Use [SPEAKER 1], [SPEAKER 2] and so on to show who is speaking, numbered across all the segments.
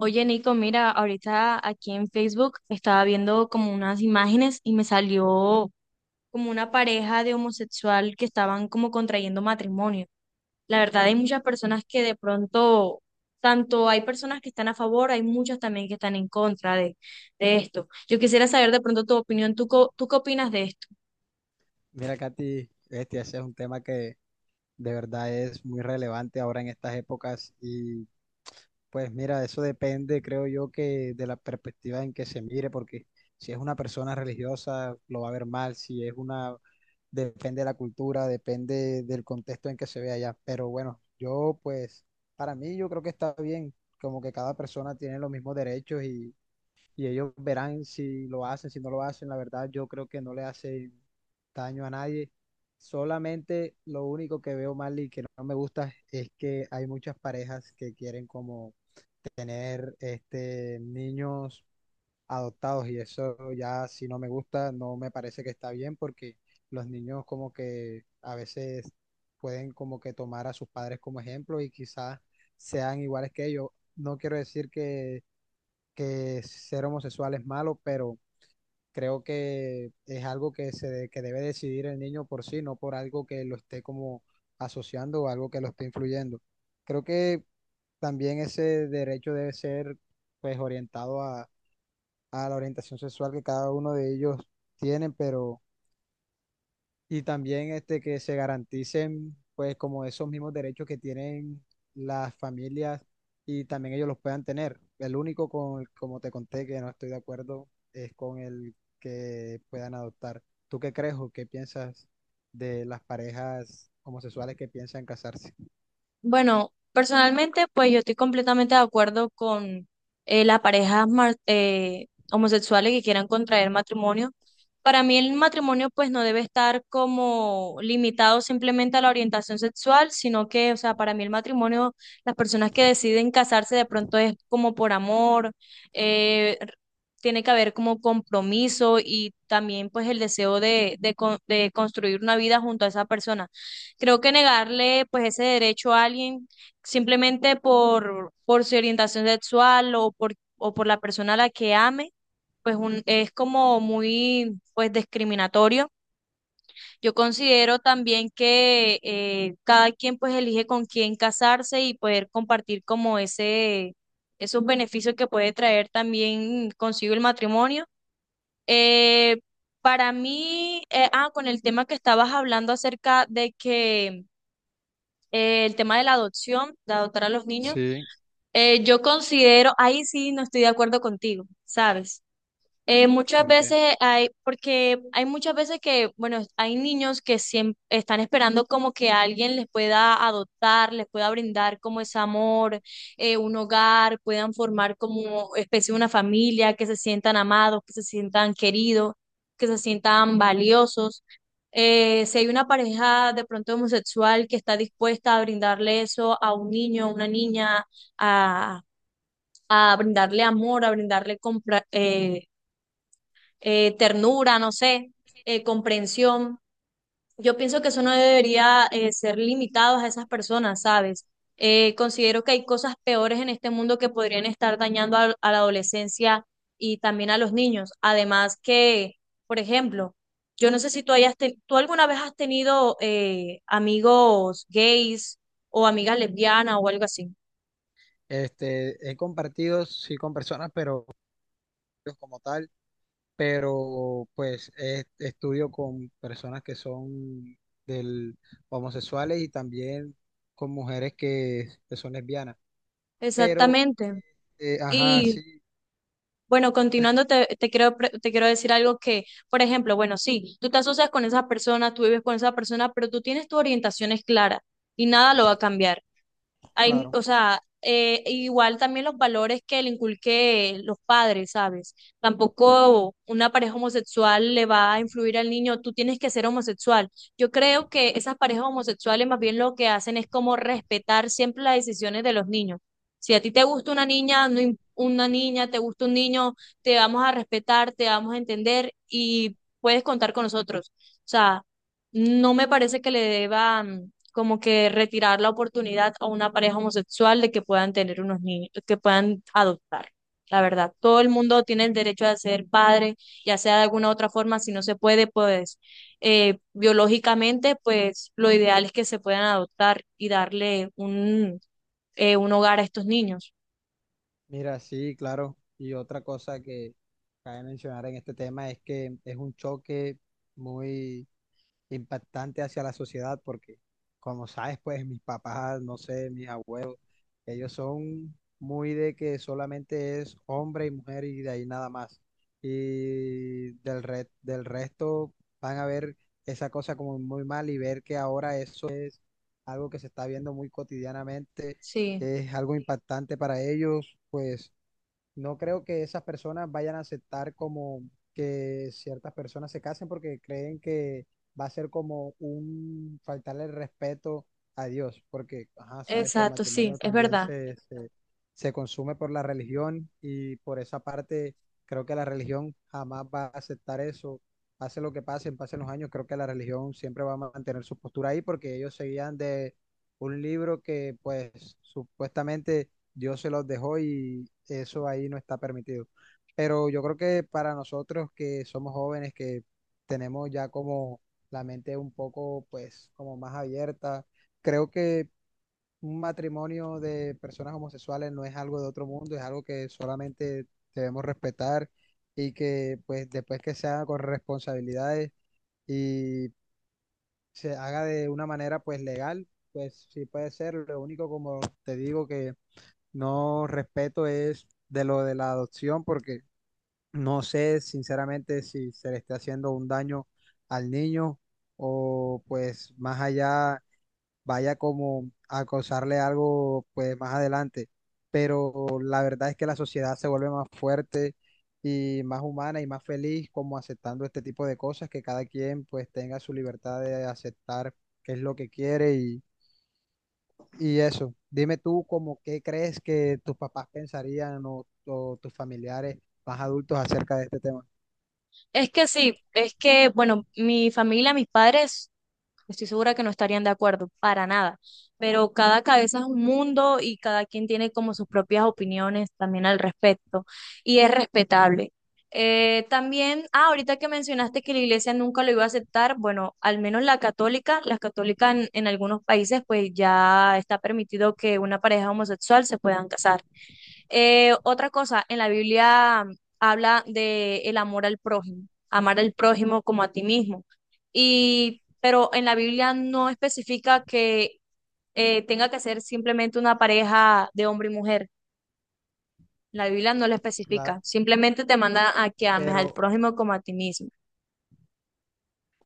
[SPEAKER 1] Oye, Nico, mira, ahorita aquí en Facebook estaba viendo como unas imágenes y me salió como una pareja de homosexual que estaban como contrayendo matrimonio. La verdad, hay muchas personas que de pronto, tanto hay personas que están a favor, hay muchas también que están en contra de esto. Yo quisiera saber de pronto tu opinión, ¿tú qué opinas de esto?
[SPEAKER 2] Mira, Katy, ese es un tema que de verdad es muy relevante ahora en estas épocas y pues mira, eso depende, creo yo, que de la perspectiva en que se mire, porque si es una persona religiosa lo va a ver mal, si es una, depende de la cultura, depende del contexto en que se vea allá, pero bueno, yo pues, para mí yo creo que está bien, como que cada persona tiene los mismos derechos y ellos verán si lo hacen, si no lo hacen. La verdad, yo creo que no le hace daño a nadie. Solamente lo único que veo mal y que no me gusta es que hay muchas parejas que quieren como tener niños adoptados y eso ya si no me gusta, no me parece que está bien porque los niños como que a veces pueden como que tomar a sus padres como ejemplo y quizás sean iguales que ellos. No quiero decir que ser homosexual es malo, pero creo que es algo que, que debe decidir el niño por sí, no por algo que lo esté como asociando o algo que lo esté influyendo. Creo que también ese derecho debe ser pues orientado a la orientación sexual que cada uno de ellos tienen, pero y también que se garanticen, pues, como esos mismos derechos que tienen las familias y también ellos los puedan tener. El único con, el- como te conté, que no estoy de acuerdo es con el que puedan adoptar. ¿Tú qué crees o qué piensas de las parejas homosexuales que piensan casarse?
[SPEAKER 1] Bueno, personalmente, pues yo estoy completamente de acuerdo con las parejas homosexuales que quieran contraer matrimonio. Para mí el matrimonio pues no debe estar como limitado simplemente a la orientación sexual, sino que, o sea, para mí el matrimonio, las personas que deciden casarse de pronto es como por amor, eh, r- tiene que haber como compromiso y también pues el deseo de construir una vida junto a esa persona. Creo que negarle pues ese derecho a alguien simplemente por su orientación sexual o por la persona a la que ame, es como muy pues discriminatorio. Yo considero también que cada quien pues elige con quién casarse y poder compartir como esos beneficios que puede traer también consigo el matrimonio. Eh, para mí, con el tema que estabas hablando acerca de que el tema de la adopción, de adoptar a los niños,
[SPEAKER 2] Sí,
[SPEAKER 1] yo considero, ahí sí no estoy de acuerdo contigo, ¿sabes? Muchas
[SPEAKER 2] ¿por qué?
[SPEAKER 1] veces hay, porque hay muchas veces que, bueno, hay niños que siempre están esperando como que alguien les pueda adoptar, les pueda brindar como ese amor, un hogar, puedan formar como especie de una familia, que se sientan amados, que se sientan queridos, que se sientan valiosos. Si hay una pareja de pronto homosexual que está dispuesta a brindarle eso a un niño, a una niña, a, a brindarle amor, a brindarle compra, ternura, no sé, comprensión. Yo pienso que eso no debería ser limitado a esas personas, ¿sabes? Considero que hay cosas peores en este mundo que podrían estar dañando a la adolescencia y también a los niños. Además que, por ejemplo, yo no sé si tú alguna vez has tenido amigos gays o amigas lesbianas o algo así.
[SPEAKER 2] Este, he compartido, sí, con personas, pero como tal. Pero pues estudio con personas que son del, homosexuales y también con mujeres que son lesbianas. Pero,
[SPEAKER 1] Exactamente.
[SPEAKER 2] ajá,
[SPEAKER 1] Y
[SPEAKER 2] sí,
[SPEAKER 1] bueno, continuando, te quiero, te quiero decir algo que, por ejemplo, bueno, sí, tú te asocias con esa persona, tú vives con esa persona, pero tú tienes tus orientaciones claras y nada lo va a cambiar. Hay,
[SPEAKER 2] claro.
[SPEAKER 1] o sea, igual también los valores que le inculqué los padres, ¿sabes? Tampoco una pareja homosexual le va a influir al niño, tú tienes que ser homosexual. Yo creo que esas parejas homosexuales más bien lo que hacen es como respetar siempre las decisiones de los niños. Si a ti te gusta una niña, no im- una niña, te gusta un niño, te vamos a respetar, te vamos a entender y puedes contar con nosotros. O sea, no me parece que le deban como que retirar la oportunidad a una pareja homosexual de que puedan tener unos niños, que puedan adoptar. La verdad, todo el mundo tiene el derecho de ser padre, ya sea de alguna u otra forma, si no se puede, pues biológicamente, pues lo ideal es que se puedan adoptar y darle un hogar a estos niños.
[SPEAKER 2] Mira, sí, claro. Y otra cosa que cabe mencionar en este tema es que es un choque muy impactante hacia la sociedad porque, como sabes, pues mis papás, no sé, mis abuelos. Ellos son muy de que solamente es hombre y mujer y de ahí nada más. Y del resto van a ver esa cosa como muy mal y ver que ahora eso es algo que se está viendo muy cotidianamente,
[SPEAKER 1] Sí,
[SPEAKER 2] es algo impactante para ellos, pues no creo que esas personas vayan a aceptar como que ciertas personas se casen porque creen que va a ser como un faltarle el respeto a Dios, porque ajá, sabes que el
[SPEAKER 1] exacto,
[SPEAKER 2] matrimonio
[SPEAKER 1] sí,
[SPEAKER 2] Exacto.
[SPEAKER 1] es
[SPEAKER 2] también
[SPEAKER 1] verdad.
[SPEAKER 2] se, se consume por la religión y por esa parte creo que la religión jamás va a aceptar eso. Pase lo que pase, pasen los años, creo que la religión siempre va a mantener su postura ahí porque ellos seguían de un libro que pues supuestamente Dios se los dejó y eso ahí no está permitido. Pero yo creo que para nosotros que somos jóvenes, que tenemos ya como la mente un poco, pues, como más abierta, creo que un matrimonio de personas homosexuales no es algo de otro mundo, es algo que solamente debemos respetar y que, pues, después que se haga con responsabilidades y se haga de una manera, pues, legal, pues, sí puede ser. Lo único, como te digo, que no respeto es de lo de la adopción, porque no sé sinceramente si se le está haciendo un daño al niño o pues más allá vaya como a causarle algo pues más adelante. Pero la verdad es que la sociedad se vuelve más fuerte y más humana y más feliz como aceptando este tipo de cosas, que cada quien pues tenga su libertad de aceptar qué es lo que quiere y eso, dime tú como qué crees que tus papás pensarían o tus familiares más adultos acerca de este tema.
[SPEAKER 1] Es que sí, es que, bueno, mi familia, mis padres estoy segura que no estarían de acuerdo, para nada. Pero cada cabeza es un mundo y cada quien tiene como sus propias opiniones también al respecto y es respetable. También, ahorita que mencionaste que la iglesia nunca lo iba a aceptar, bueno, al menos la católica, las católicas en algunos países pues ya está permitido que una pareja homosexual se puedan casar. Otra cosa, en la Biblia habla de el amor al prójimo, amar al prójimo como a ti mismo. Y pero en la Biblia no especifica que tenga que ser simplemente una pareja de hombre y mujer. La Biblia no lo
[SPEAKER 2] La-
[SPEAKER 1] especifica, simplemente te manda a que ames al
[SPEAKER 2] pero,
[SPEAKER 1] prójimo como a ti mismo.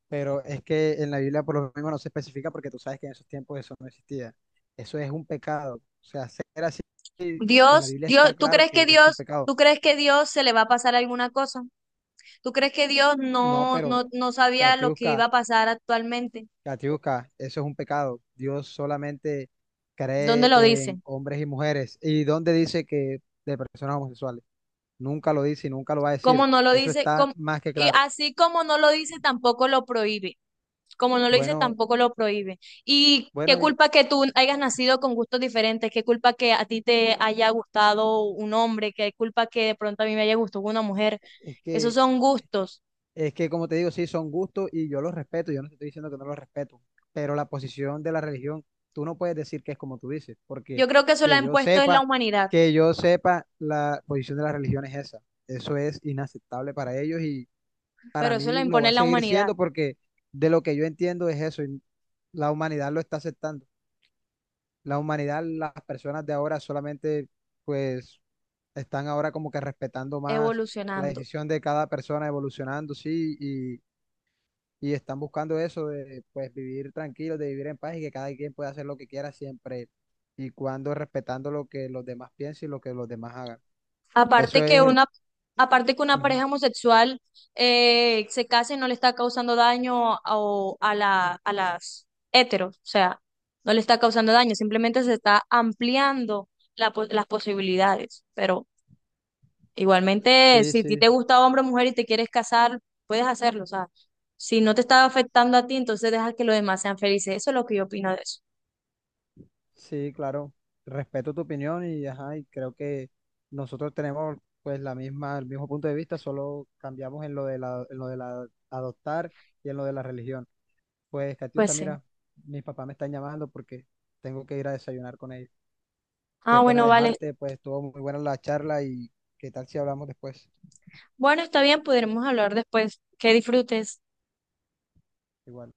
[SPEAKER 2] pero es que en la Biblia por lo menos no se especifica porque tú sabes que en esos tiempos eso no existía. Eso es un pecado. O sea, ser así, en la Biblia está
[SPEAKER 1] Dios, ¿tú
[SPEAKER 2] claro
[SPEAKER 1] crees
[SPEAKER 2] que
[SPEAKER 1] que
[SPEAKER 2] es un
[SPEAKER 1] Dios,
[SPEAKER 2] pecado.
[SPEAKER 1] tú crees que Dios se le va a pasar alguna cosa? ¿Tú crees que Dios
[SPEAKER 2] No, pero
[SPEAKER 1] no sabía lo que iba
[SPEAKER 2] Catiusca,
[SPEAKER 1] a pasar actualmente?
[SPEAKER 2] Catiusca, eso es un pecado. Dios solamente
[SPEAKER 1] ¿Dónde lo
[SPEAKER 2] cree en
[SPEAKER 1] dice?
[SPEAKER 2] hombres y mujeres. ¿Y dónde dice que de personas homosexuales? Nunca lo dice y nunca lo va a
[SPEAKER 1] ¿Cómo
[SPEAKER 2] decir.
[SPEAKER 1] no lo
[SPEAKER 2] Eso
[SPEAKER 1] dice?
[SPEAKER 2] está
[SPEAKER 1] ¿Cómo?
[SPEAKER 2] más que
[SPEAKER 1] Y
[SPEAKER 2] claro.
[SPEAKER 1] así como no lo dice, tampoco lo prohíbe. Como no lo hice,
[SPEAKER 2] Bueno,
[SPEAKER 1] tampoco lo prohíbe. Y qué
[SPEAKER 2] bueno, y
[SPEAKER 1] culpa que tú hayas nacido con gustos diferentes, qué culpa que a ti te haya gustado un hombre, qué culpa que de pronto a mí me haya gustado una mujer.
[SPEAKER 2] es
[SPEAKER 1] Esos
[SPEAKER 2] que,
[SPEAKER 1] son gustos.
[SPEAKER 2] es que como te digo, sí, son gustos y yo los respeto. Yo no te estoy diciendo que no los respeto, pero la posición de la religión, tú no puedes decir que es como tú dices,
[SPEAKER 1] Yo
[SPEAKER 2] porque
[SPEAKER 1] creo que eso lo ha
[SPEAKER 2] que yo
[SPEAKER 1] impuesto es la
[SPEAKER 2] sepa,
[SPEAKER 1] humanidad,
[SPEAKER 2] que yo sepa, la posición de la religión es esa. Eso es inaceptable para ellos y para
[SPEAKER 1] pero
[SPEAKER 2] mí
[SPEAKER 1] eso lo
[SPEAKER 2] lo va
[SPEAKER 1] impone
[SPEAKER 2] a
[SPEAKER 1] la
[SPEAKER 2] seguir
[SPEAKER 1] humanidad
[SPEAKER 2] siendo porque de lo que yo entiendo es eso y la humanidad lo está aceptando. La humanidad, las personas de ahora solamente pues están ahora como que respetando más la
[SPEAKER 1] evolucionando.
[SPEAKER 2] decisión de cada persona evolucionando, sí, y están buscando eso de pues vivir tranquilos, de vivir en paz y que cada quien pueda hacer lo que quiera siempre y cuando respetando lo que los demás piensen y lo que los demás hagan. Eso
[SPEAKER 1] Aparte
[SPEAKER 2] es
[SPEAKER 1] que
[SPEAKER 2] el...
[SPEAKER 1] una, aparte que una
[SPEAKER 2] Ujú.
[SPEAKER 1] pareja homosexual se case no le está causando daño a, o a la, a las heteros, o sea, no le está causando daño, simplemente se está ampliando las posibilidades. Pero igualmente,
[SPEAKER 2] Sí,
[SPEAKER 1] si a ti te
[SPEAKER 2] sí.
[SPEAKER 1] gusta hombre o mujer y te quieres casar, puedes hacerlo, o sea, si no te está afectando a ti, entonces deja que los demás sean felices. Eso es lo que yo opino de eso.
[SPEAKER 2] Sí, claro, respeto tu opinión y, ajá, y creo que nosotros tenemos pues la misma, el mismo punto de vista, solo cambiamos en lo de la, en lo de la adoptar y en lo de la religión. Pues,
[SPEAKER 1] Pues
[SPEAKER 2] Catiusca,
[SPEAKER 1] sí.
[SPEAKER 2] mira, mis papás me están llamando porque tengo que ir a desayunar con ellos.
[SPEAKER 1] Ah,
[SPEAKER 2] Qué pena
[SPEAKER 1] bueno, vale.
[SPEAKER 2] dejarte, pues estuvo muy buena la charla y qué tal si hablamos después.
[SPEAKER 1] Bueno, está bien, podremos hablar después. Que disfrutes.
[SPEAKER 2] Igual.